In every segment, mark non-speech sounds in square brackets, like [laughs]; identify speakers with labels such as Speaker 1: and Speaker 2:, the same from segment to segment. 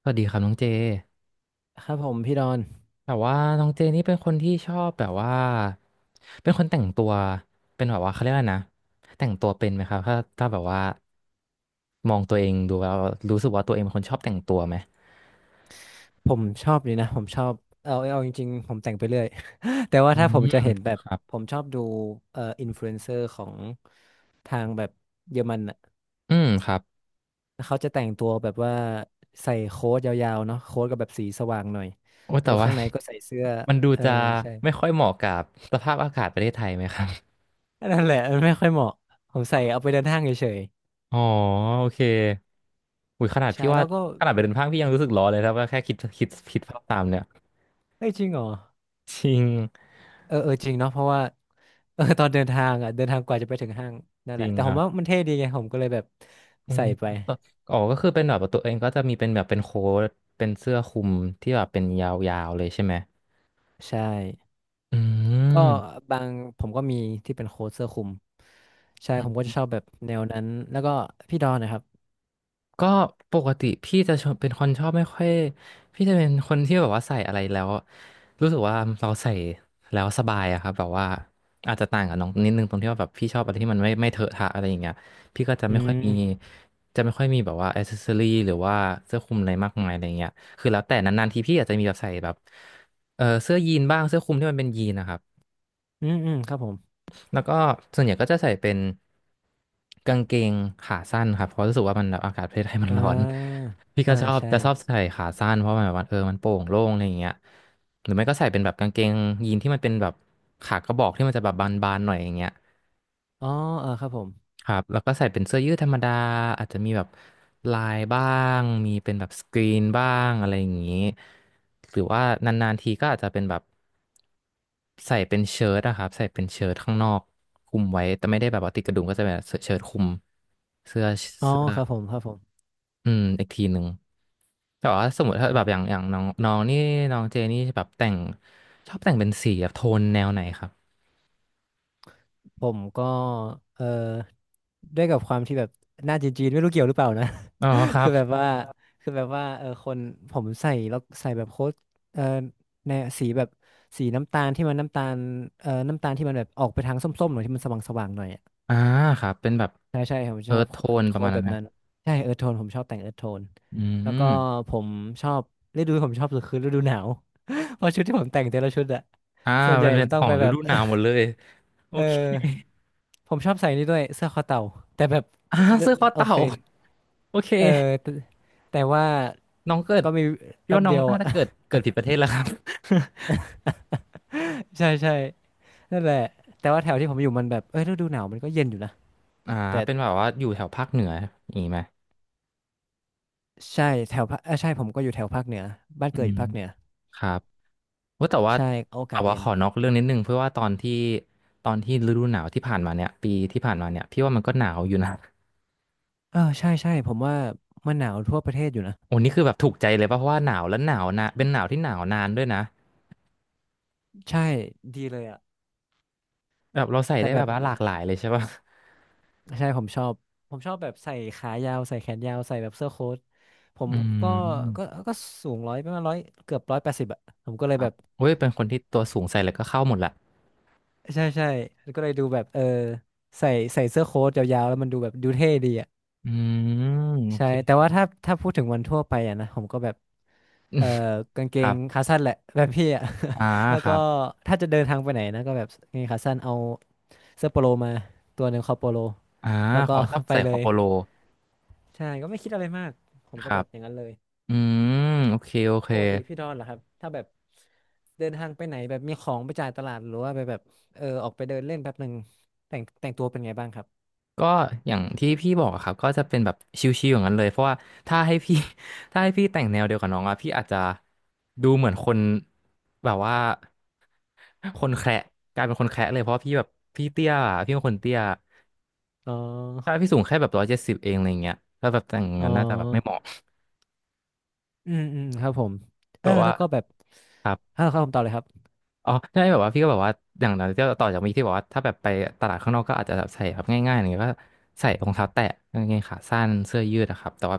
Speaker 1: สวัสดีครับน้องเจ
Speaker 2: ครับผมพี่ดอน
Speaker 1: แต่ว่าน้องเจนี่เป็นคนที่ชอบแบบว่า เป็นคนแต่งตัว เป็นแบบว่าเขาเรียกว่านะแต่งตัวเป็นไหมครับถ้าแบบว่ามองตัวเองดูแล้วรู้สึกว่าตัวเองเป็นคนชอบแต่งตัวไหม
Speaker 2: ผมชอบเลยนะผมชอบเอาจริงๆผมแต่งไปเรื่อย [laughs] แต่ว่า
Speaker 1: อื
Speaker 2: ถ้าผม
Speaker 1: ม
Speaker 2: จะเห็นแบบ
Speaker 1: ครับ
Speaker 2: ผมชอบดูอินฟลูเอนเซอร์ของทางแบบเยอรมันอ่ะ
Speaker 1: อืม ครับ
Speaker 2: เขาจะแต่งตัวแบบว่าใส่โค้ทยาวๆเนาะโค้ทกับแบบสีสว่างหน่อย
Speaker 1: โอ้
Speaker 2: แล้ว
Speaker 1: แต่
Speaker 2: ก็
Speaker 1: ว่า
Speaker 2: ข้างในก็ใส่เสื้อ
Speaker 1: [laughs] มันดู
Speaker 2: เออ
Speaker 1: จะ
Speaker 2: ใช่
Speaker 1: ไม่ค่อยเหมาะกับสภาพอากาศประเทศไทยไหมครับ
Speaker 2: อันนั่นแหละมันไม่ค่อยเหมาะผมใส่เอาไปเดินห้างเฉย
Speaker 1: อ๋อโอเคอุ้ยขนาด
Speaker 2: ๆใช่
Speaker 1: พี่ว่า
Speaker 2: แล้วก็
Speaker 1: ขนาดไปเดินห้างพี่ยังรู้สึกร้อนเลยครับว่าแค่คิดภาพตามเนี่ย
Speaker 2: เอ้ยจริงเหรอ
Speaker 1: [laughs] จริง
Speaker 2: เออเออจริงเนาะเพราะว่า [laughs] เออตอนเดินทางอ่ะเดินทางกว่าจะไปถึงห้างนั่น
Speaker 1: จ
Speaker 2: แห
Speaker 1: ริ
Speaker 2: ละ
Speaker 1: ง
Speaker 2: แต่
Speaker 1: ค
Speaker 2: ผม
Speaker 1: รั
Speaker 2: ว่า
Speaker 1: บ
Speaker 2: มันเท่ดีไงผมก็เลยแบบ
Speaker 1: อื
Speaker 2: ใส่
Speaker 1: ม
Speaker 2: ไป
Speaker 1: ก็อ๋อก็คือเป็นแบบว่าตัวเองก็จะมีเป็นแบบเป็นโค้ทเป็นเสื้อคลุมที่แบบเป็นยาวๆเลยใช่ไหม
Speaker 2: ใช่
Speaker 1: อ
Speaker 2: ก็
Speaker 1: ื
Speaker 2: บางผมก็มีที่เป็นโค้ทเสื้อคลุมใช่ผมก็
Speaker 1: ม
Speaker 2: จะชอบแบบแนวนั้นแล้วก็พี่ดอนนะครับ
Speaker 1: ก็ปกติพี่จะชอบเป็นคนชอบไม่ค่อยพี่จะเป็นคนที่แบบว่าใส่อะไรแล้วรู้สึกว่าเราใส่แล้วสบายอะครับแบบว่าอาจจะต่างกับน้องนิดนึงตรงที่ว่าแบบพี่ชอบอะไรที่มันไม่เถอะทะอะไรอย่างเงี้ยพี่ก็จะ
Speaker 2: อื
Speaker 1: ไม่ค่อยมี
Speaker 2: ม
Speaker 1: จะไม่ค่อยมีแบบว่าอ c เซสซอรี่หรือว่าเสื้อคลุมอะไรมากมายอะไรเงี้ยคือแล้วแต่นานๆทีพี่อาจจะมีแบบใส่แบบเสื้อยีนบ้างเสื้อคลุมที่มันเป็นยีนนะครับ
Speaker 2: อืมอืมครับผม
Speaker 1: แล้วก็ส่วนใหญ่ก็จะใส่เป็นกางเกงขาสั้นครับเพราะรู้สึกว่ามันแบบอากาศประเทศไทยมัน
Speaker 2: อ่
Speaker 1: ร้อน
Speaker 2: า
Speaker 1: [laughs] พี่
Speaker 2: เออ
Speaker 1: ก็ชอบ
Speaker 2: ใช่
Speaker 1: จะชอบใส่ขาสั้นเพราะมันแบบว่ามันโปร่งโล่งอะไรอย่างเงี้ยหรือไม่ก็ใส่เป็นแบบกางเกงยีนที่มันเป็นแบบขากระบอกที่มันจะแบบบานๆหน่อยอย่างเงี้ย
Speaker 2: อ๋อเออครับผม
Speaker 1: ครับแล้วก็ใส่เป็นเสื้อยืดธรรมดาอาจจะมีแบบลายบ้างมีเป็นแบบสกรีนบ้างอะไรอย่างนี้หรือว่านานๆทีก็อาจจะเป็นแบบใส่เป็นเชิ้ตอะครับใส่เป็นเชิ้ตข้างนอกคลุมไว้แต่ไม่ได้แบบว่าติดกระดุมก็จะเป็นแบบเชิ้ตคลุมเสื้อ
Speaker 2: อ๋อ
Speaker 1: เสื้อ
Speaker 2: ครับผมครับผม
Speaker 1: อืมอีกทีหนึ่งแต่ว่าสมมติถ้าแบ
Speaker 2: อ่ะ
Speaker 1: บอย่างน้องน้องนี่น้องเจนี่แบบแต่งชอบแต่งเป็นสีแบบโทนแนวไหนครับ
Speaker 2: ผมก็เออด้วยกับความที่แบบหน้าจีนๆไม่รู้เกี่ยวหรือเปล่านะ
Speaker 1: อ๋อครั
Speaker 2: คื
Speaker 1: บ
Speaker 2: อแบบว่าคือแบบว่าเออคนผมใส่แล้วใส่แบบโค้ดเออในสีแบบสีน้ำตาลที่มันน้ำตาลเออน้ำตาลที่มันแบบออกไปทางส้มๆหน่อยที่มันสว่างๆหน่อยอะ
Speaker 1: อ่าครับเป็นแบบ
Speaker 2: ใช่ใช่ผมช
Speaker 1: เอิ
Speaker 2: อ
Speaker 1: ร์
Speaker 2: บ
Speaker 1: ธโทนป
Speaker 2: โค้
Speaker 1: ระมาณ
Speaker 2: ดแบ
Speaker 1: นั้น
Speaker 2: บ
Speaker 1: นะ
Speaker 2: นั้นใช่เออโทนผมชอบแต่งเออโทน
Speaker 1: อื
Speaker 2: แล้วก็
Speaker 1: ม
Speaker 2: ผมชอบฤดูที่ผมชอบสุดคือฤดูหนาว [laughs] เพราะชุดที่ผมแต่งแต่ละชุดอะ
Speaker 1: อ่า
Speaker 2: ส่วนให
Speaker 1: มั
Speaker 2: ญ่
Speaker 1: นเป็น
Speaker 2: มันต้
Speaker 1: ข
Speaker 2: อง
Speaker 1: อ
Speaker 2: ไป
Speaker 1: งฤ
Speaker 2: แบบ
Speaker 1: ดูหนาวหมดเลยโอ
Speaker 2: [laughs] เ
Speaker 1: เค
Speaker 2: ออผมชอบใส่นี่ด้วยเสื้อคอเต่าแต่แบบ
Speaker 1: อ่า
Speaker 2: เอ่อ
Speaker 1: เสื้อคอ
Speaker 2: โอ
Speaker 1: เต่า
Speaker 2: เค
Speaker 1: โอเค
Speaker 2: เออแต่แต่ว่า
Speaker 1: น้องเกิด
Speaker 2: ก็มี
Speaker 1: พี่
Speaker 2: แป๊
Speaker 1: ว่า
Speaker 2: บ
Speaker 1: น้อง
Speaker 2: เดียว
Speaker 1: น่า
Speaker 2: อะ
Speaker 1: จะเกิดผิดประเทศแล้วครับ
Speaker 2: [laughs] ใช่ใช่ นั่นแหละแต่ว่าแถวที่ผมอยู่มันแบบเอ้ยฤดูหนาวมันก็เย็นอยู่นะ
Speaker 1: [laughs] อ่า
Speaker 2: แต่
Speaker 1: เป็นแบบว่าอยู่แถวภาคเหนืออย่างนี้ไหม
Speaker 2: ใช่แถวภาคเอยใช่ผมก็อยู่แถวภาคเหนือบ้าน
Speaker 1: อื
Speaker 2: เกิดอ
Speaker 1: ม
Speaker 2: ยู่ภาคเหนือ
Speaker 1: ครับว่าแต่ว่า
Speaker 2: ใช่โอกาสเย็
Speaker 1: ข
Speaker 2: น
Speaker 1: อนอกเรื่องนิดนึงเพื่อว่าตอนที่ฤดูหนาวที่ผ่านมาเนี่ยปีที่ผ่านมาเนี่ยพี่ว่ามันก็หนาวอยู่นะ [laughs]
Speaker 2: เออใช่ใช่ผมว่ามันหนาวทั่วประเทศอยู่นะ
Speaker 1: โอ้นี่คือแบบถูกใจเลยป่ะเพราะว่าหนาวแล้วหนาวนะเป็นหนาวที่หนาวนานด้วยนะ
Speaker 2: ใช่ดีเลยอะ
Speaker 1: แบบเราใส่
Speaker 2: แต่
Speaker 1: ได้
Speaker 2: แบ
Speaker 1: แบ
Speaker 2: บ
Speaker 1: บว่าหลากหลายเลยใช่ป่ะ
Speaker 2: ใช่ผมชอบแบบใส่ขายาวใส่แขนยาวใส่แบบเสื้อโค้ท ผม
Speaker 1: อื
Speaker 2: ก็ก็
Speaker 1: ม
Speaker 2: ก็สูงร้อยประมาณร้อยเกือบ180อะผมก็เล
Speaker 1: ค
Speaker 2: ย
Speaker 1: รั
Speaker 2: แบ
Speaker 1: บ
Speaker 2: บ
Speaker 1: เว้ยเป็นคนที่ตัวสูงใส่เลยก็เข้าหมดแหละ
Speaker 2: ใช่ใช่ก็เลยดูแบบเออใส่ใส่เสื้อโค้ทยาวๆแล้วมันดูแบบดูเท่ดีอะ
Speaker 1: อืมโอ
Speaker 2: ใช่
Speaker 1: เค
Speaker 2: แต่ว่าถ้าพูดถึงวันทั่วไปอะนะผมก็แบบเออ
Speaker 1: [laughs]
Speaker 2: กางเก
Speaker 1: ครั
Speaker 2: ง
Speaker 1: บ
Speaker 2: ขาสั้นแหละ [laughs] แบบพี่อะ
Speaker 1: อ่า
Speaker 2: [laughs] แล้ว
Speaker 1: ค
Speaker 2: ก็
Speaker 1: รับ
Speaker 2: ถ้าจะเดินทางไปไหนนะก็แบบกางเกงขาสั้นเอาเสื้อโปโลมาตัวหนึ่งคอโปโล
Speaker 1: อ่า
Speaker 2: แล้วก็
Speaker 1: เขาชอบ
Speaker 2: [laughs] ไป
Speaker 1: ใส่
Speaker 2: เล
Speaker 1: คอ
Speaker 2: ย
Speaker 1: โปโล
Speaker 2: ใช่ก็ไม่คิดอะไรมากผม
Speaker 1: ค
Speaker 2: ก็
Speaker 1: รั
Speaker 2: แบ
Speaker 1: บ
Speaker 2: บอย่างนั้นเลย
Speaker 1: อืมโอเคโอ
Speaker 2: แล้ว
Speaker 1: เค
Speaker 2: ปกติพี่ดอนเหรอครับถ้าแบบเดินทางไปไหนแบบมีของไปจ่ายตลาดหรือว่าไปแบบเออออกไปเดินเล่นแป๊บหนึ่งแต่งตัวเป็นไงบ้างครับ
Speaker 1: ก็อย่างที่พี่บอกอะครับก็จะเป็นแบบชิวๆอย่างนั้นเลยเพราะว่าถ้าให้พี่ [laughs] ถ้าให้พี่แต่งแนวเดียวกับน้องอะพี่อาจจะดูเหมือนคนแบบว่าคนแคระกลายเป็นคนแคระเลยเพราะว่าพี่แบบพี่เตี้ยอะพี่เป็นคนเตี้ย
Speaker 2: อ๋
Speaker 1: ถ้า
Speaker 2: อ
Speaker 1: พี่สูงแค่แบบ170เองอะไรเงี้ยถ้าแบบแต่ง
Speaker 2: อ๋อ
Speaker 1: งานน่าจะแบบไม่เหมาะ
Speaker 2: อืมอืมครับผม
Speaker 1: แบ
Speaker 2: เออ
Speaker 1: บว่า
Speaker 2: แล้วก็แบบ
Speaker 1: ครับ
Speaker 2: เออครับผมต่อเลยครับ
Speaker 1: อ๋อใช่แบบว่าพี่ก็แบบว่าอย่างนั้นทีต่อจากมีที่บอกว่า ถ้าแบบไปตลาดข้างนอกก็อาจจะแบบใส่แบบง่ายๆอย่างเงี้ยก็ใส่รองเท้าแตะกางเกงขาสั้นเสื้อยืดอะครับ แต่ว่า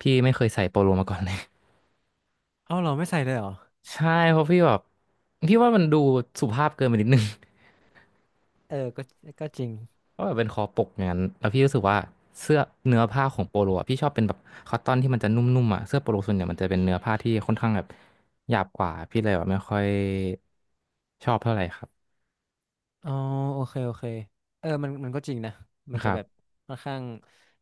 Speaker 1: พี่ไม่เคยใส่โปโลมาก่อนเลย
Speaker 2: เอาเหรอไม่ใส่เลยเหรอ
Speaker 1: [laughs] ใช่ เพราะพี่แบบพี่ว่ามันดูสุภาพเกินไปนิดนึง [laughs]
Speaker 2: เออก็จริง
Speaker 1: เพราะแบบเป็นคอปกอย่างนั้นแล้วพี่รู้สึกว่าเสื้อเนื้อผ้าของโปโลอะพี่ชอบเป็นแบบคอตตอนที่มันจะนุ่มๆอ่ะเสื้อโปโลส่วนใหญ่มันจะเป็นเนื้อผ้าที่ค่อนข้างแบบหยาบกว่าพี่เลยแบบไม่ค่อยชอบเท่าไหร่ครับ
Speaker 2: อ๋อโอเคโอเคเออมันก็จริงนะมัน
Speaker 1: ค
Speaker 2: จะ
Speaker 1: รั
Speaker 2: แบบ
Speaker 1: บ
Speaker 2: ค่อนข้าง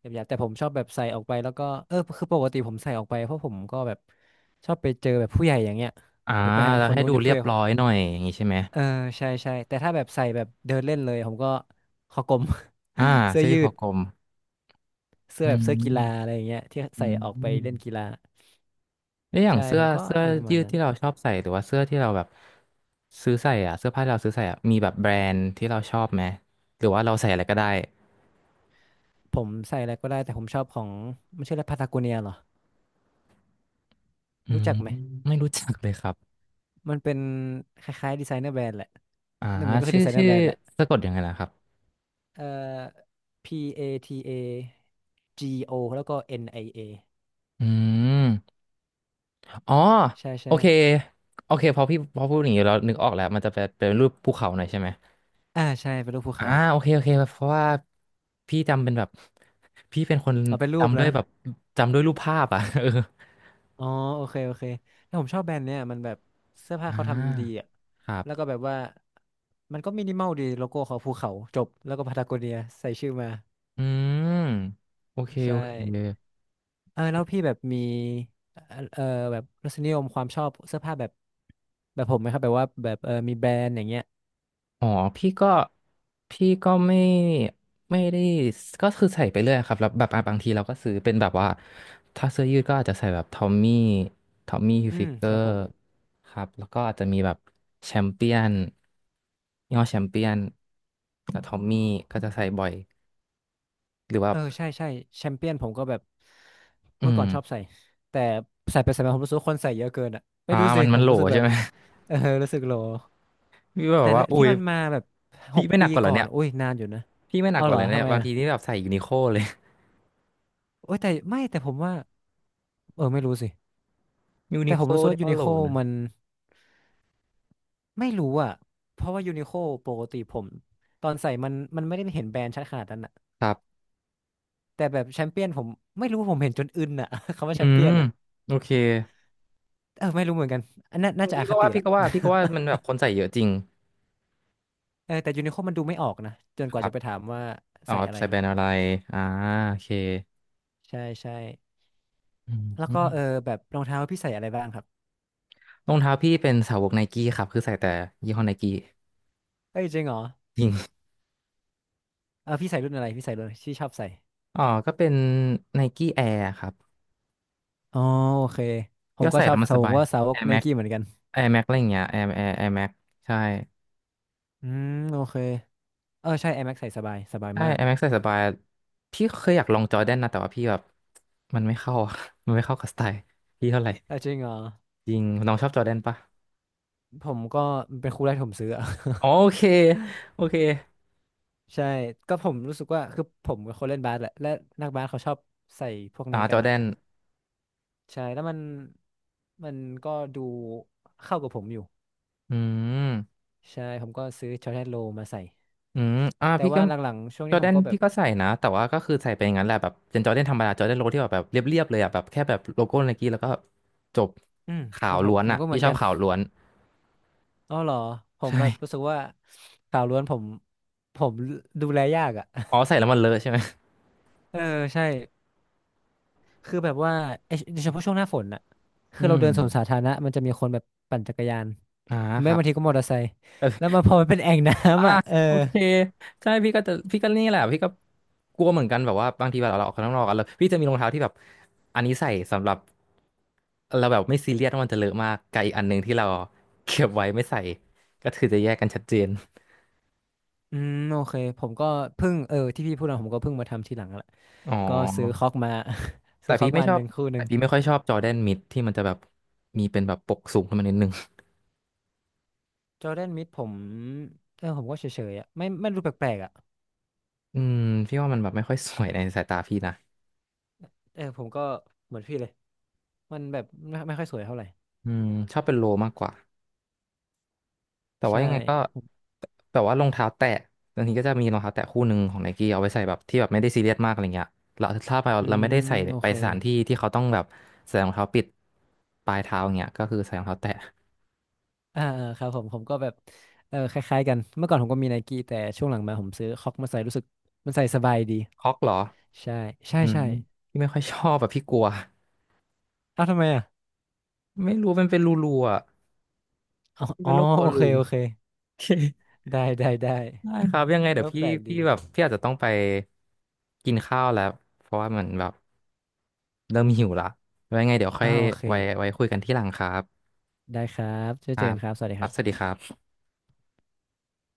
Speaker 2: แบบหยาบๆแต่ผมชอบแบบใส่ออกไปแล้วก็เออคือปกติผมใส่ออกไปเพราะผมก็แบบชอบไปเจอแบบผู้ใหญ่อย่างเงี้ย
Speaker 1: อ่า
Speaker 2: เดี๋ยวไปหา
Speaker 1: แล้ว
Speaker 2: คน
Speaker 1: ให้
Speaker 2: นู้น
Speaker 1: ดู
Speaker 2: เดี๋ยว
Speaker 1: เรี
Speaker 2: ผู้
Speaker 1: ย
Speaker 2: ให
Speaker 1: บ
Speaker 2: ญ่
Speaker 1: ร้อยหน่อยอย่างงี้ใช่ไหม
Speaker 2: เออใช่ใช่แต่ถ้าแบบใส่แบบเดินเล่นเลยผมก็คอกลม
Speaker 1: อ่า
Speaker 2: [laughs] เสื้อ
Speaker 1: เสื้อยื
Speaker 2: ยื
Speaker 1: ดคอ
Speaker 2: ด
Speaker 1: กลม
Speaker 2: เสื้อ
Speaker 1: อื
Speaker 2: แบบเสื้อกีฬาอะ
Speaker 1: ม
Speaker 2: ไรอย่างเงี้ยที่
Speaker 1: อื
Speaker 2: ใส่ออกไป
Speaker 1: ม
Speaker 2: เล่นกีฬา
Speaker 1: แล้วอย่าง
Speaker 2: ใช่
Speaker 1: เสื้
Speaker 2: ผ
Speaker 1: อ
Speaker 2: มก็
Speaker 1: เสื้อ
Speaker 2: อะไรประ
Speaker 1: ยื
Speaker 2: มาณ
Speaker 1: ด
Speaker 2: นั้น
Speaker 1: ที่เราชอบใส่หรือว่าเสื้อที่เราแบบซื้อใส่อ่ะเสื้อผ้าที่เราซื้อใส่อ่ะมีแบบแบรนด์ที่เราชอบไหมหรือว่าเราใส่อะไรก็ได้
Speaker 2: ผมใส่อะไรก็ได้แต่ผมชอบของไม่ใช่แล้วพาตาโกเนียเหรอ
Speaker 1: อื
Speaker 2: รู้
Speaker 1: ม
Speaker 2: จักไหม
Speaker 1: ไม่รู้จักเลยครับ
Speaker 2: มันเป็นคล้ายๆดีไซเนอร์แบรนด์แหละ
Speaker 1: อ่า
Speaker 2: นั่นมันก็คือ
Speaker 1: ชื่
Speaker 2: ดี
Speaker 1: อ
Speaker 2: ไซเนอ
Speaker 1: ชื่
Speaker 2: ร์
Speaker 1: อ
Speaker 2: แบรนด์แหละ
Speaker 1: สะกดยังไงนะครับ
Speaker 2: เอ่อ P A T A G O แล้วก็ N I A
Speaker 1: อืมอ๋อ
Speaker 2: ใช่
Speaker 1: โอ
Speaker 2: ใช่
Speaker 1: เคโอเคพอพี่พอพูดอย่างนี้เรานึกออกแล้วมันจะเป็นรูปภูเขาหน่อยใช่ไหม
Speaker 2: อ่าใช่เป็นรูปภู
Speaker 1: อ่า
Speaker 2: เขา
Speaker 1: โอเคโอเคเพราะว่าพี่จำเป็นแบบ [laughs] พี่เป็นคน
Speaker 2: เอาเป็นรูป
Speaker 1: จำด้ว
Speaker 2: นะ
Speaker 1: ยแบบจำด้วยรูปภาพอ่ะ [laughs] เออ
Speaker 2: อ๋อโอเคโอเคแล้วผมชอบแบรนด์เนี่ยมันแบบเสื้อผ้า
Speaker 1: อ่า
Speaker 2: เขาทำดีอ่ะ
Speaker 1: ครั
Speaker 2: แล้วก็
Speaker 1: บ
Speaker 2: แบบว่ามันก็มินิมอลดีโลโก้เขาภูเขาจบแล้วก็พาตาโกเนียใส่ชื่อมา
Speaker 1: อืมโอเค
Speaker 2: ใช่
Speaker 1: โอเค
Speaker 2: เออแล้วพี่แบบมีเอ่อเอ่อแบบรสนิยมความชอบเสื้อผ้าแบบผมไหมครับแบบว่าแบบเออมีแบรนด์อย่างเงี้ย
Speaker 1: อ๋อพี่ก็พี่ก็ไม่ได้ก็คือใส่ไปเรื่อยครับแล้วแบบอ่ะบางทีเราก็ซื้อเป็นแบบว่าถ้าเสื้อยืดก็อาจจะใส่แบบทอมมี่ทอมมี่ฮิล
Speaker 2: อื
Speaker 1: ฟิ
Speaker 2: ม
Speaker 1: เกอ
Speaker 2: ครับ
Speaker 1: ร์
Speaker 2: ผม
Speaker 1: ครับแล้วก็อาจจะมีแบบแชมเปี้ยนยี่ห้อแชมเปี้ยนกับทอมมี่ก็จะใส่บ่อย หรือว่า
Speaker 2: เออใช่ใช่แชมเปี้ยนผมก็แบบเมื่
Speaker 1: อื
Speaker 2: อก่
Speaker 1: ม
Speaker 2: อนชอบใส่แต่ใส่ไปใส่มาผมรู้สึกว่าคนใส่เยอะเกินอ่ะไม่
Speaker 1: อ่า
Speaker 2: รู้สิ
Speaker 1: มัน
Speaker 2: ผ
Speaker 1: มัน
Speaker 2: ม
Speaker 1: โหล
Speaker 2: รู้สึกแบ
Speaker 1: ใช่
Speaker 2: บ
Speaker 1: ไหม [laughs]
Speaker 2: เออรู้สึกโหล
Speaker 1: พี่ก็แบ
Speaker 2: แต่
Speaker 1: บว่า
Speaker 2: ละ
Speaker 1: อุ้
Speaker 2: ที่
Speaker 1: ย
Speaker 2: มันมาแบบห
Speaker 1: พี่
Speaker 2: ก
Speaker 1: ไม่ห
Speaker 2: ปี
Speaker 1: นักกว่าเหร
Speaker 2: ก่
Speaker 1: อ
Speaker 2: อน
Speaker 1: เนี่ย
Speaker 2: อุ้ยนานอยู่นะ
Speaker 1: พี่ไม่หนั
Speaker 2: เอา
Speaker 1: กก
Speaker 2: เห
Speaker 1: ว่า
Speaker 2: ร
Speaker 1: เห
Speaker 2: อ
Speaker 1: รอเนี่
Speaker 2: ทำ
Speaker 1: ย
Speaker 2: ไม
Speaker 1: บาง
Speaker 2: อ่ะ
Speaker 1: ทีนี่แบบใส่ยูนิโคเลย
Speaker 2: โอ้ยแต่ไม่แต่ผมว่าเออไม่รู้สิ
Speaker 1: [laughs] ยู
Speaker 2: แต่
Speaker 1: นิโค
Speaker 2: ผมรู้สึก
Speaker 1: นี่
Speaker 2: ว่ายู
Speaker 1: ก็
Speaker 2: นิ
Speaker 1: โหล
Speaker 2: โค
Speaker 1: นะ
Speaker 2: มันไม่รู้อ่ะเพราะว่ายูนิโคปกติผมตอนใส่มันไม่ได้เห็นแบรนด์ชัดขนาดนั้นอ่ะ
Speaker 1: ครับ
Speaker 2: แต่แบบแชมเปี้ยนผมไม่รู้ผมเห็นจนอึนอ่ะ [laughs] คำว่า
Speaker 1: อื
Speaker 2: แชมเปี้
Speaker 1: ม
Speaker 2: ยนอ่ะ
Speaker 1: โอเค
Speaker 2: เออไม่รู้เหมือนกันอันนั้นน่าจะอ
Speaker 1: พี่
Speaker 2: ค
Speaker 1: ก็
Speaker 2: ติ
Speaker 1: ว่าพี่
Speaker 2: ละ
Speaker 1: ก็ว่าพี่ก็ว่า
Speaker 2: [laughs]
Speaker 1: มันแบบคนใส่เยอะจริง
Speaker 2: เออแต่ยูนิโคมันดูไม่ออกนะจน
Speaker 1: ค
Speaker 2: กว่า
Speaker 1: รั
Speaker 2: จะ
Speaker 1: บ
Speaker 2: ไปถามว่า
Speaker 1: อ๋อ
Speaker 2: ใส่อะไร
Speaker 1: ใส่แบรนด์อะไรอ่าโอเค
Speaker 2: ใช่ใช่
Speaker 1: อื
Speaker 2: แล้วก็
Speaker 1: ม
Speaker 2: แบบรองเท้าพี่ใส่อะไรบ้างครับ
Speaker 1: รองเท้าพี่เป็นสาวกไนกี้ครับคือใส่แต่ยี่ห้อไนกี้
Speaker 2: เอ้ยจริงเหรอ
Speaker 1: จริง
Speaker 2: เออพี่ใส่รุ่นที่ชอบใส่
Speaker 1: [laughs] อ๋อก็เป็นไนกี้แอร์ครับ
Speaker 2: อ๋อโอเคผ
Speaker 1: พี่
Speaker 2: ม
Speaker 1: ก็
Speaker 2: ก็
Speaker 1: ใส่
Speaker 2: ชอ
Speaker 1: แล้ว
Speaker 2: บ
Speaker 1: มัน
Speaker 2: สา
Speaker 1: ส
Speaker 2: วผม
Speaker 1: บาย
Speaker 2: ก็สาวก
Speaker 1: Air
Speaker 2: ไน
Speaker 1: Max
Speaker 2: กี้เหมือนกัน
Speaker 1: Air Max อะไรอย่างเงี้ย Air Air Max ใช่
Speaker 2: อืมโอเคเออใช่ Air Max ใส่สบายสบาย
Speaker 1: ใช่
Speaker 2: มา
Speaker 1: i
Speaker 2: ก
Speaker 1: m ซ c ใส่สบายพี่เคยอยากลองจอร์แดนนะแต่ว่าพี่แบบมันไม่เข้าอะ [laughs] มันไม่เข้ากับสไตล์พี่เท่าไหร่
Speaker 2: เออจริงเหรอ
Speaker 1: จริงน้องชอบจอร์แดนปะ
Speaker 2: ผมก็เป็นคู่แรกที่ผมซื้ออะ
Speaker 1: อ๋อโอเคโอเค
Speaker 2: [laughs] ใช่ก็ผมรู้สึกว่าคือผมเป็นคนเล่นบาสแหละและนักบาสเขาชอบใส่พวก
Speaker 1: อ่า
Speaker 2: นี้
Speaker 1: จ
Speaker 2: กั
Speaker 1: อ
Speaker 2: น
Speaker 1: ร์แด
Speaker 2: อะ
Speaker 1: น
Speaker 2: ใช่แล้วมันก็ดูเข้ากับผมอยู่
Speaker 1: อืม
Speaker 2: ใช่ผมก็ซื้อช็อตแททโลมาใส่
Speaker 1: อืมอ่า
Speaker 2: แต่
Speaker 1: พี่ก็
Speaker 2: ว่าหลังๆช่วง
Speaker 1: จอ
Speaker 2: นี้
Speaker 1: ร์
Speaker 2: ผ
Speaker 1: แด
Speaker 2: ม
Speaker 1: น
Speaker 2: ก็แบบ
Speaker 1: พี่ก็ใส่นะแต่ว่าก็คือใส่ไปอย่างนั้นแหละแบบเป็นจอร์แดนธรรมดาจอร์แดนโลที่แบบเรียบๆเลยอ่ะแบบแค่แบบโลโก้ไนกี้แล้วก็จบ
Speaker 2: อืม
Speaker 1: ขา
Speaker 2: ครั
Speaker 1: ว
Speaker 2: บผ
Speaker 1: ล้
Speaker 2: ม
Speaker 1: วน
Speaker 2: ผม
Speaker 1: อ่ะ
Speaker 2: ก็เหมื
Speaker 1: พี่
Speaker 2: อน
Speaker 1: ชอ
Speaker 2: กั
Speaker 1: บ
Speaker 2: น
Speaker 1: ขาวล้วน
Speaker 2: อ๋อเหรอผม
Speaker 1: ใช่
Speaker 2: แบบรู้สึกว่าข่าวล้วนผมดูแลยากอ่ะ
Speaker 1: อ๋อใส่แล้วมันเลอะใช่ไหม
Speaker 2: [laughs] เออใช่คือแบบว่าเอยโดยเฉพาะช่วงหน้าฝนอ่ะคื
Speaker 1: อื
Speaker 2: อเรา
Speaker 1: ม
Speaker 2: เดินสวนสาธารณะมันจะมีคนแบบปั่นจักรยาน
Speaker 1: อ่าค
Speaker 2: แม้
Speaker 1: รับ
Speaker 2: บางทีก็มอเตอร์ไซค์แล้วมันพอมันเป็นแอ่งน้
Speaker 1: อ่า
Speaker 2: ำอ่ะ [laughs] เออ
Speaker 1: โอเคใช่พี่ก็จะพี่ก็นี่แหละพี่ก็กลัวเหมือนกันแบบว่าบางทีแบบเราออกข้างนอกกันแล้วพี่จะมีรองเท้าที่แบบอันนี้ใส่สำหรับเราแบบไม่ซีเรียสว่ามันจะเลอะมากกับอีกอันหนึ่งที่เราเก็บไว้ไม่ใส่ก็คือจะแยกกันชัดเจน
Speaker 2: อืมโอเคผมก็เพิ่งที่พี่พูดมาผมก็เพิ่งมาทำทีหลังแหละ
Speaker 1: อ๋
Speaker 2: ก็ซื้อ
Speaker 1: อ
Speaker 2: คอกมา [laughs]
Speaker 1: แต่
Speaker 2: ซื้อค
Speaker 1: พี่
Speaker 2: อก
Speaker 1: ไม่
Speaker 2: มา
Speaker 1: ชอ
Speaker 2: ห
Speaker 1: บ
Speaker 2: นึ่งคู่ห
Speaker 1: แต่
Speaker 2: นึ่ง
Speaker 1: พี่ไม่ค่อยชอบจอแดนมิดที่มันจะแบบมีเป็นแบบปกสูงขึ้นมานิดนึง
Speaker 2: จอร์แดนมิดผมเออผมก็เฉยๆอ่ะไม่รู้แปลกๆอ่ะ
Speaker 1: อืมพี่ว่ามันแบบไม่ค่อยสวยในสายตาพี่นะ
Speaker 2: เออผมก็เหมือนพี่เลยมันแบบไม่ค่อยสวยเท่าไหร่
Speaker 1: อืมชอบเป็นโลมากกว่า แต่ว่า
Speaker 2: ใช่
Speaker 1: ยังไงก็
Speaker 2: ผม
Speaker 1: แต่ว่ารองเท้าแตะบางทีก็จะมีรองเท้าแตะคู่หนึ่งของไนกี้เอาไว้ใส่แบบที่แบบไม่ได้ซีเรียสมากอะไรเงี้ยเราถ้าเรา
Speaker 2: อื
Speaker 1: เราไม่
Speaker 2: ม
Speaker 1: ได้ใส่
Speaker 2: โอ
Speaker 1: ไป
Speaker 2: เค
Speaker 1: สถานที่ที่เขาต้องแบบใส่รองเท้าปิดปลายเท้าอย่างเงี้ยก็คือใส่รองเท้าแตะ
Speaker 2: อ่าอ่าครับผมก็แบบเออคล้ายๆกันเมื่อก่อนผมก็มีไนกี้แต่ช่วงหลังมาผมซื้อคอกมาใส่รู้สึกมันใส่สบายดี
Speaker 1: คอกเหรอ
Speaker 2: ใช่ใช่
Speaker 1: อืม
Speaker 2: ใช่
Speaker 1: พี่ไม่ค่อยชอบแบบพี่กลัว
Speaker 2: เอ้าวทำไมอ่ะ
Speaker 1: ไม่รู้มันเป็นรูรูอ่ะ
Speaker 2: อ๋อ
Speaker 1: พี่
Speaker 2: อ๋
Speaker 1: เป็
Speaker 2: อ
Speaker 1: นโรคกลัว
Speaker 2: โอเค
Speaker 1: รู
Speaker 2: โอเคได้ได้ได้
Speaker 1: ได้ครับยังไง
Speaker 2: เออ
Speaker 1: เดี๋ยว
Speaker 2: แป
Speaker 1: พี่
Speaker 2: ลกดี
Speaker 1: พี่แบบพี่อาจจะต้องไปกินข้าวแล้วเพราะว่ามันแบบเริ่มหิวละไว้ยังไงเดี๋ยวค่อย
Speaker 2: อ้าวโอเค
Speaker 1: ไว้คุยกันที่หลังครับ
Speaker 2: ได้ครับเจอ
Speaker 1: ค
Speaker 2: เจ
Speaker 1: รั
Speaker 2: อกั
Speaker 1: บ
Speaker 2: นครับสวัสดี
Speaker 1: ค
Speaker 2: ค
Speaker 1: รับ
Speaker 2: รั
Speaker 1: สวัส
Speaker 2: บ
Speaker 1: ดีครับ